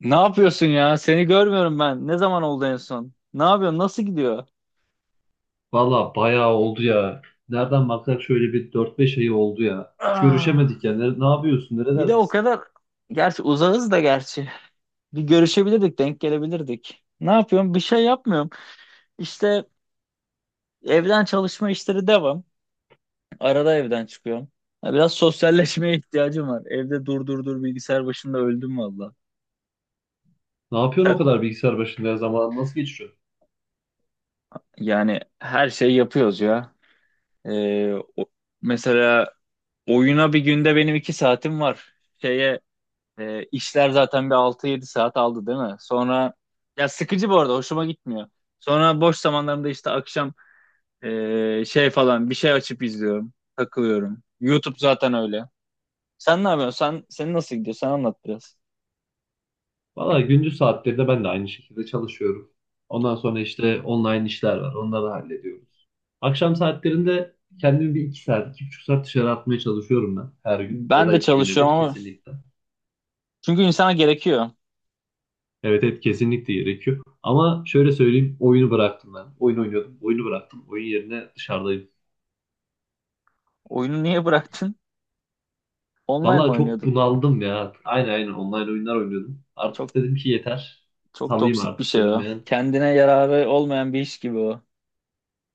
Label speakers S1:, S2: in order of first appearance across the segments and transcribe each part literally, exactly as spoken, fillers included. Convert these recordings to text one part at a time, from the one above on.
S1: Ne yapıyorsun ya? Seni görmüyorum ben. Ne zaman oldu en son? Ne yapıyorsun? Nasıl gidiyor?
S2: Valla bayağı oldu ya. Nereden baksak şöyle bir dört beş ayı oldu ya. Hiç
S1: Ah,
S2: görüşemedik ya. Ne, ne yapıyorsun?
S1: bir de o
S2: Nerelerdesin?
S1: kadar gerçi uzağız da gerçi. Bir görüşebilirdik, denk gelebilirdik. Ne yapıyorum? Bir şey yapmıyorum. İşte evden çalışma işleri devam. Arada evden çıkıyorum. Ya Biraz sosyalleşmeye ihtiyacım var. Evde dur dur dur bilgisayar başında öldüm valla.
S2: Ne yapıyorsun o
S1: Sen-
S2: kadar bilgisayar başında ya? Zaman nasıl geçiyor?
S1: Yani her şeyi yapıyoruz ya. Ee, o- mesela oyuna bir günde benim iki saatim var. Şeye E, işler zaten bir altı yedi saat aldı değil mi? Sonra ya sıkıcı bu arada hoşuma gitmiyor. Sonra boş zamanlarımda işte akşam e, şey falan bir şey açıp izliyorum. Takılıyorum. YouTube zaten öyle. Sen ne yapıyorsun? Sen, senin nasıl gidiyor? Sen anlat biraz.
S2: Valla gündüz saatlerinde ben de aynı şekilde çalışıyorum. Ondan sonra işte online işler var. Onları hallediyoruz. Akşam saatlerinde kendimi bir iki saat, iki buçuk saat dışarı atmaya çalışıyorum ben her gün. Ya
S1: Ben
S2: da
S1: de
S2: iki güne
S1: çalışıyorum
S2: bir
S1: ama
S2: kesinlikle.
S1: çünkü insana gerekiyor.
S2: Evet evet, kesinlikle gerekiyor. Ama şöyle söyleyeyim, oyunu bıraktım ben. Oyun oynuyordum. Oyunu bıraktım. Oyun yerine dışarıdayım.
S1: Oyunu niye bıraktın? Online mi
S2: Vallahi çok
S1: oynuyordun?
S2: bunaldım ya. Aynen aynen, online oyunlar oynuyordum.
S1: Çok
S2: Artık dedim ki yeter.
S1: çok
S2: Salayım
S1: toksik bir
S2: artık
S1: şey
S2: dedim
S1: o.
S2: yani.
S1: Kendine yararı olmayan bir iş gibi o.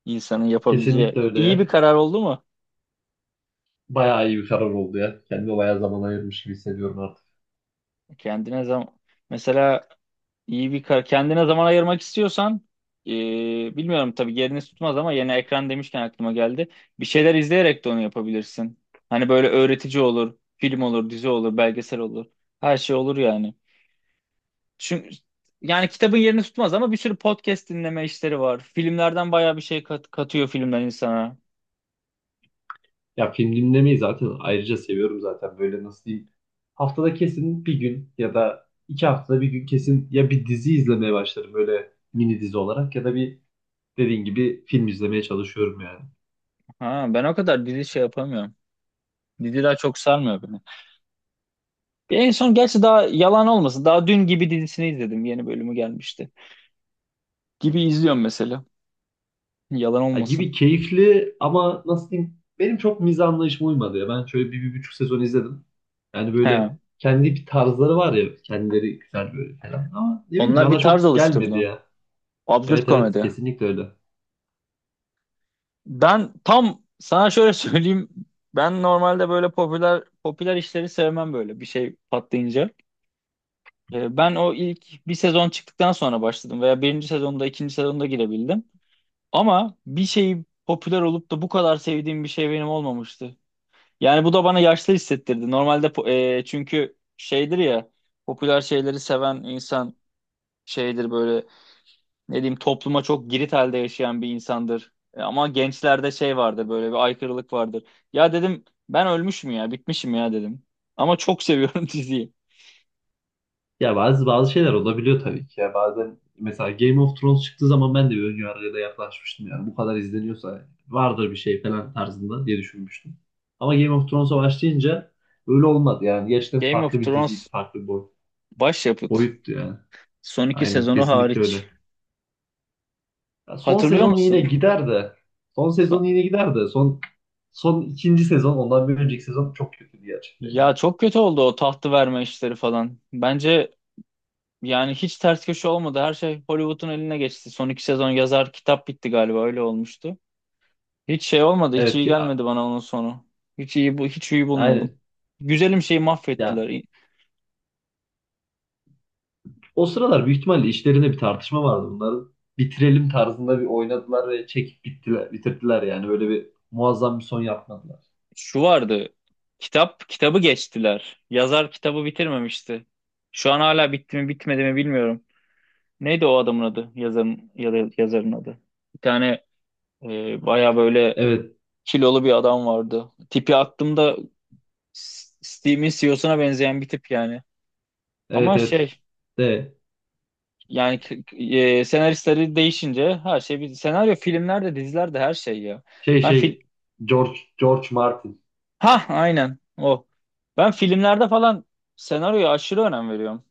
S1: İnsanın yapabileceği.
S2: Kesinlikle
S1: İyi bir
S2: öyle.
S1: karar oldu mu?
S2: Bayağı iyi bir karar oldu ya. Kendime bayağı zaman ayırmış gibi hissediyorum artık.
S1: Kendine zaman. Mesela İyi bir kar. Kendine zaman ayırmak istiyorsan e, bilmiyorum tabii yerini tutmaz ama yeni ekran demişken aklıma geldi. Bir şeyler izleyerek de onu yapabilirsin. Hani böyle öğretici olur, film olur, dizi olur, belgesel olur. Her şey olur yani. Çünkü yani kitabın yerini tutmaz ama bir sürü podcast dinleme işleri var. Filmlerden bayağı bir şey kat- katıyor filmler insana.
S2: Ya film dinlemeyi zaten ayrıca seviyorum zaten. Böyle nasıl diyeyim. Haftada kesin bir gün ya da iki haftada bir gün kesin ya, bir dizi izlemeye başlarım böyle mini dizi olarak ya da bir dediğin gibi film izlemeye çalışıyorum yani.
S1: Ha, ben o kadar dizi şey yapamıyorum. Diziler çok sarmıyor beni. Bir en son gerçi daha yalan olmasın. Daha dün gibi dizisini izledim. Yeni bölümü gelmişti. Gibi izliyorum mesela. Yalan
S2: Ya gibi
S1: olmasın.
S2: keyifli ama nasıl diyeyim, benim çok mizah anlayışıma uymadı ya. Ben şöyle bir, bir buçuk sezon izledim. Yani böyle
S1: He.
S2: kendi bir tarzları var ya, kendileri güzel böyle falan ama ne bileyim
S1: Onlar
S2: bana
S1: bir tarz
S2: çok gelmedi
S1: oluşturdu.
S2: ya.
S1: Absürt
S2: Evet evet,
S1: komedi.
S2: kesinlikle öyle.
S1: Ben tam sana şöyle söyleyeyim. Ben normalde böyle popüler popüler işleri sevmem böyle bir şey patlayınca. Ee, Ben o ilk bir sezon çıktıktan sonra başladım veya birinci sezonda ikinci sezonda girebildim. Ama bir şeyi popüler olup da bu kadar sevdiğim bir şey benim olmamıştı. Yani bu da bana yaşlı hissettirdi. Normalde po- e, çünkü şeydir ya popüler şeyleri seven insan şeydir böyle ne diyeyim topluma çok girit halde yaşayan bir insandır. E, Ama gençlerde şey vardır böyle bir aykırılık vardır. Ya dedim ben ölmüşüm ya bitmişim ya dedim. Ama çok seviyorum diziyi.
S2: Ya bazı bazı şeyler olabiliyor tabii ki ya, bazen mesela Game of Thrones çıktığı zaman ben de bir önyargıyla da yaklaşmıştım yani bu kadar izleniyorsa vardır bir şey falan tarzında diye düşünmüştüm. Ama Game of Thrones'a başlayınca öyle olmadı yani, gerçekten
S1: Game of
S2: farklı bir diziydi,
S1: Thrones
S2: farklı bir boy-
S1: başyapıt.
S2: boyuttu yani.
S1: Son iki
S2: Aynen,
S1: sezonu
S2: kesinlikle öyle.
S1: hariç.
S2: Ya son
S1: Hatırlıyor
S2: sezon yine
S1: musun?
S2: gider de. Son sezon
S1: Son.
S2: yine gider de. Son son ikinci sezon, ondan bir önceki sezon çok kötüydü gerçekten
S1: Ya
S2: ya.
S1: çok kötü oldu o tahtı verme işleri falan. Bence yani hiç ters köşe olmadı. Her şey Hollywood'un eline geçti. Son iki sezon yazar kitap bitti galiba öyle olmuştu. Hiç şey olmadı. Hiç
S2: Evet
S1: iyi
S2: ki
S1: gelmedi
S2: a-
S1: bana onun sonu. Hiç iyi bu hiç iyi bulmadım.
S2: aynen.
S1: Güzelim şeyi
S2: Ya
S1: mahvettiler.
S2: o sıralar büyük ihtimalle işlerinde bir tartışma vardı. Bunların bitirelim tarzında bir oynadılar ve çekip bittiler, bitirdiler yani. Böyle bir muazzam bir son yapmadılar.
S1: Şu vardı. Kitap kitabı geçtiler. Yazar kitabı bitirmemişti. Şu an hala bitti mi bitmedi mi bilmiyorum. Neydi o adamın adı? Yazarın ya da yazarın adı. Bir tane e, baya böyle
S2: Evet,
S1: kilolu bir adam vardı. Tipi attığımda S- Steam'in C E O'suna benzeyen bir tip yani.
S2: evet,
S1: Ama
S2: evet.
S1: şey.
S2: De
S1: Yani k- k- e, senaristleri değişince her şey bir senaryo filmlerde dizilerde her şey ya.
S2: şey
S1: Ben
S2: şey
S1: fil
S2: George George Martin.
S1: Ha, aynen o. Ben filmlerde falan senaryoya aşırı önem veriyorum.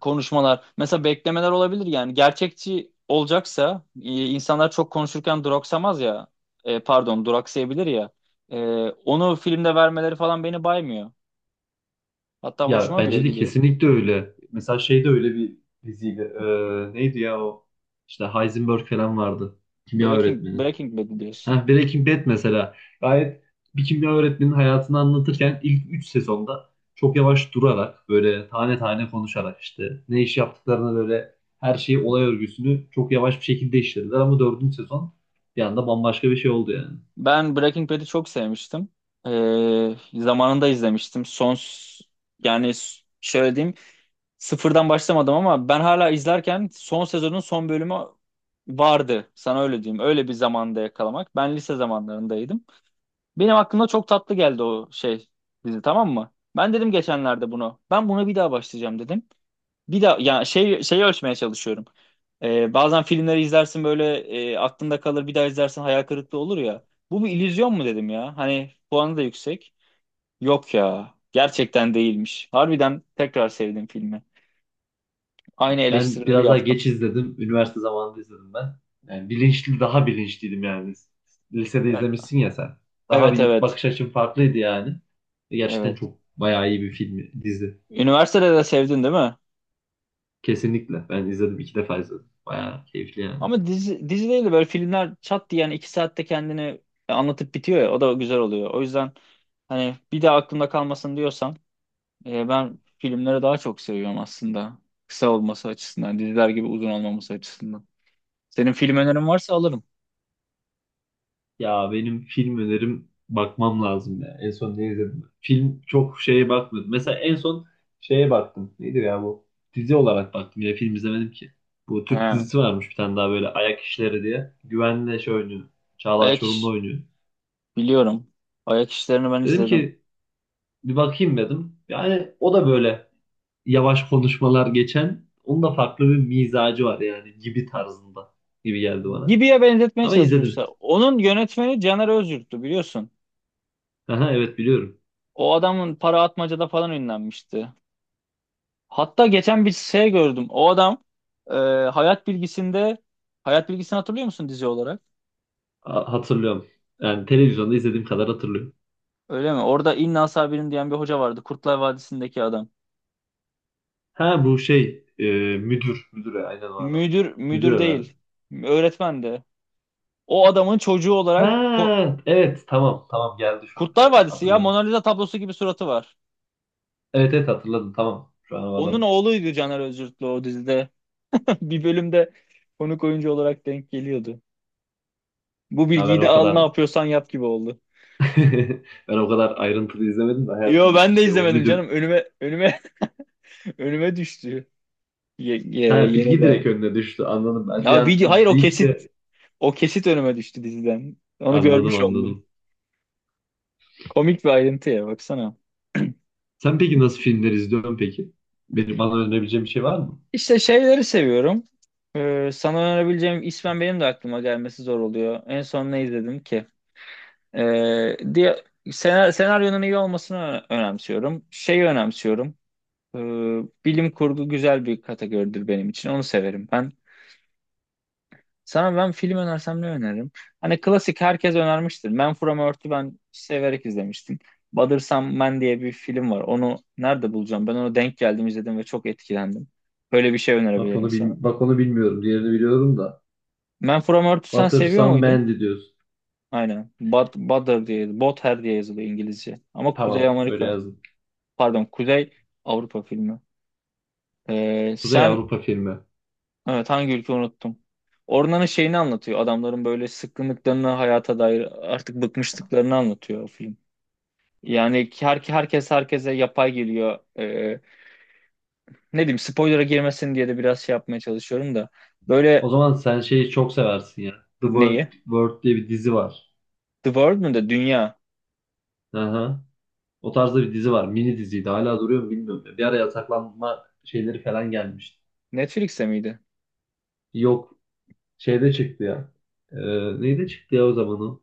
S1: Konuşmalar mesela beklemeler olabilir yani gerçekçi olacaksa e, insanlar çok konuşurken duraksamaz ya. E, pardon duraksayabilir ya. E, Onu filmde vermeleri falan beni baymıyor. Hatta
S2: Ya
S1: hoşuma bile
S2: bence de
S1: gidiyor.
S2: kesinlikle öyle. Mesela şey de öyle bir diziydi. Ee, neydi ya o? İşte Heisenberg falan vardı. Kimya
S1: Breaking
S2: öğretmeni.
S1: Breaking Bad diyorsun.
S2: Heh, Breaking Bad mesela. Gayet bir kimya öğretmeninin hayatını anlatırken ilk üç sezonda çok yavaş durarak böyle tane tane konuşarak işte ne iş yaptıklarını böyle her şeyi, olay örgüsünü çok yavaş bir şekilde işlediler, ama dördüncü sezon bir anda bambaşka bir şey oldu yani.
S1: Ben Breaking Bad'i çok sevmiştim. Ee, zamanında izlemiştim. Son yani s- şöyle diyeyim sıfırdan başlamadım ama ben hala izlerken son sezonun son bölümü vardı. Sana öyle diyeyim. Öyle bir zamanda yakalamak. Ben lise zamanlarındaydım. Benim aklımda çok tatlı geldi o şey dizi tamam mı? Ben dedim geçenlerde bunu. Ben buna bir daha başlayacağım dedim. Bir de ya şey şeyi ölçmeye çalışıyorum. Ee, bazen filmleri izlersin böyle e, aklında kalır bir daha izlersin hayal kırıklığı olur ya. Bu bir illüzyon mu dedim ya? Hani puanı da yüksek. Yok ya. Gerçekten değilmiş. Harbiden tekrar sevdim filmi. Aynı
S2: Ben
S1: eleştirileri
S2: biraz daha
S1: yaptım.
S2: geç izledim. Üniversite zamanında izledim ben. Yani bilinçli, daha bilinçliydim yani. Lisede
S1: E-
S2: izlemişsin ya sen. Daha
S1: Evet,
S2: bir
S1: evet.
S2: bakış açım farklıydı yani. E, Gerçekten
S1: Evet.
S2: çok bayağı iyi bir film, dizi.
S1: Üniversitede de sevdin değil mi?
S2: Kesinlikle. Ben izledim, iki defa izledim. Bayağı keyifli yani.
S1: Ama dizi, dizi değil de böyle filmler çat diye yani iki saatte kendini anlatıp bitiyor ya o da güzel oluyor. O yüzden hani bir daha aklımda kalmasın diyorsan E, ben filmleri daha çok seviyorum aslında. Kısa olması açısından, diziler gibi uzun olmaması açısından. Senin film önerin varsa alırım.
S2: Ya benim film önerim, bakmam lazım ya. En son ne izledim? Film çok şeye bakmadım. Mesela en son şeye baktım. Neydi ya bu? Dizi olarak baktım. Ya film izlemedim ki. Bu Türk
S1: He,
S2: dizisi varmış bir tane daha, böyle Ayak İşleri diye. Güvenle şey oynuyor. Çağlar
S1: ayak
S2: Çorumlu
S1: iş
S2: oynuyor.
S1: biliyorum. Ayak işlerini ben
S2: Dedim
S1: izledim.
S2: ki bir bakayım dedim. Yani o da böyle yavaş konuşmalar geçen. Onun da farklı bir mizacı var yani, gibi tarzında gibi geldi bana.
S1: Gibi'ye benzetmeye
S2: Ama izledim.
S1: çalışmışlar. Onun yönetmeni Caner Özyurt'tu biliyorsun.
S2: Aha, evet biliyorum.
S1: O adamın Para Atmaca'da falan ünlenmişti. Hatta geçen bir şey gördüm. O adam e, Hayat Bilgisi'nde Hayat Bilgisi'ni hatırlıyor musun dizi olarak?
S2: Ha- Hatırlıyorum. Yani televizyonda izlediğim kadar hatırlıyorum.
S1: Öyle mi? Orada İnna Sabirin diyen bir hoca vardı. Kurtlar Vadisi'ndeki adam.
S2: Ha bu şey e, müdür. Müdüre aynen o adam.
S1: Müdür
S2: Müdür
S1: müdür
S2: herhalde.
S1: değil. Öğretmendi. O adamın çocuğu olarak Ko-
S2: Ha evet, tamam tamam, geldi şu an.
S1: Kurtlar
S2: Evet,
S1: Vadisi ya
S2: hatırladım.
S1: Mona Lisa tablosu gibi suratı var.
S2: Evet evet, hatırladım, tamam. Şu an o
S1: Onun
S2: adam.
S1: oğluydu Caner Özürtlü o dizide. Bir bölümde konuk oyuncu olarak denk geliyordu. Bu
S2: Ha,
S1: bilgiyi
S2: ben
S1: de
S2: o
S1: al ne
S2: kadar
S1: yapıyorsan yap gibi oldu.
S2: ben o kadar ayrıntılı izlemedim de, hayat
S1: Yo
S2: bilgisi
S1: ben de
S2: işte o
S1: izlemedim canım.
S2: müdür.
S1: Önüme önüme önüme düştü. Ye, ye-
S2: Ha,
S1: yeni
S2: bilgi
S1: daha.
S2: direkt önüne düştü, anladım. Ben bir
S1: Ya
S2: an
S1: video hayır o
S2: izleyip
S1: kesit
S2: de
S1: o kesit önüme düştü diziden. Onu
S2: anladım
S1: görmüş oldum.
S2: anladım.
S1: Komik bir ayrıntı ya baksana.
S2: Sen peki nasıl filmler izliyorsun peki? Bir, bana önerebileceğin bir şey var mı?
S1: İşte şeyleri seviyorum. Ee, sana önerebileceğim ismen benim de aklıma gelmesi zor oluyor. En son ne izledim ki? Ee, diye sena- senaryonun iyi olmasını ö- önemsiyorum. Şeyi önemsiyorum. Ee, Bilim kurgu güzel bir kategoridir benim için. Onu severim ben. Sana ben film önersem ne öneririm? Hani klasik herkes önermiştir. Man From Earth'ü ben severek izlemiştim. Mother Some Man diye bir film var. Onu nerede bulacağım? Ben onu denk geldim izledim ve çok etkilendim. Böyle bir şey
S2: Bak
S1: önerebilirim.
S2: onu, bil- bak onu bilmiyorum. Diğerini biliyorum da.
S1: Man From Earth'ü sen
S2: Butter
S1: seviyor
S2: Some
S1: muydun?
S2: Mandy diyorsun.
S1: Aynen. Bad, Butter diye, Butter diye yazılıyor İngilizce. Ama Kuzey
S2: Tamam, öyle
S1: Amerika,
S2: yazdım.
S1: pardon Kuzey Avrupa filmi. Ee,
S2: Kuzey
S1: sen,
S2: Avrupa filmi.
S1: evet hangi ülke unuttum. Ormanın şeyini anlatıyor. Adamların böyle sıkkınlıklarını hayata dair artık bıkmışlıklarını anlatıyor o film. Yani her, herkes herkese yapay geliyor. Ee, ne diyeyim spoiler'a girmesin diye de biraz şey yapmaya çalışıyorum da. Böyle
S2: O zaman sen şeyi çok seversin ya. The World,
S1: neyi?
S2: World diye bir dizi var.
S1: The World mu da Dünya?
S2: Aha. O tarzda bir dizi var. Mini diziydi. Hala duruyor mu bilmiyorum ya. Bir ara yasaklanma şeyleri falan gelmişti.
S1: Netflix'te miydi?
S2: Yok. Şeyde çıktı ya. Ee, neyde çıktı ya o zaman o?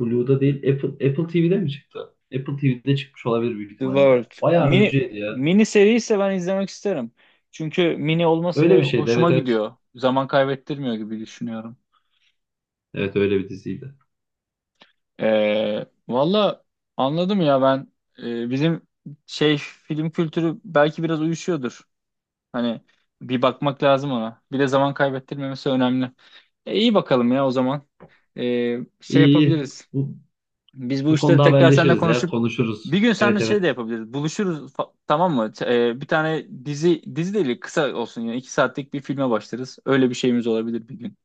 S2: Blue'da değil. Apple, Apple T V'de mi çıktı? Apple T V'de çıkmış olabilir büyük
S1: The
S2: ihtimalle
S1: World.
S2: ya. Bayağı
S1: Mini
S2: önceydi ya.
S1: mini seri ise ben izlemek isterim. Çünkü mini olması
S2: Öyle
S1: böyle
S2: bir şeydi.
S1: hoşuma
S2: Evet evet.
S1: gidiyor. Zaman kaybettirmiyor gibi düşünüyorum.
S2: Evet, öyle bir diziydi.
S1: Ee, valla anladım ya ben. Ee, bizim şey film kültürü belki biraz uyuşuyordur. Hani bir bakmak lazım ona. Bir de zaman kaybettirmemesi önemli. E, iyi bakalım ya o zaman. Ee, şey
S2: İyi iyi.
S1: yapabiliriz.
S2: Bu,
S1: Biz bu
S2: bu
S1: işleri
S2: konuda
S1: tekrar seninle
S2: haberleşiriz ya.
S1: konuşup
S2: Konuşuruz.
S1: bir gün seninle
S2: Evet
S1: şey de
S2: evet.
S1: yapabiliriz. Buluşuruz fa- tamam mı? Ç- e, bir tane dizi dizi değil kısa olsun yani iki saatlik bir filme başlarız. Öyle bir şeyimiz olabilir bir gün.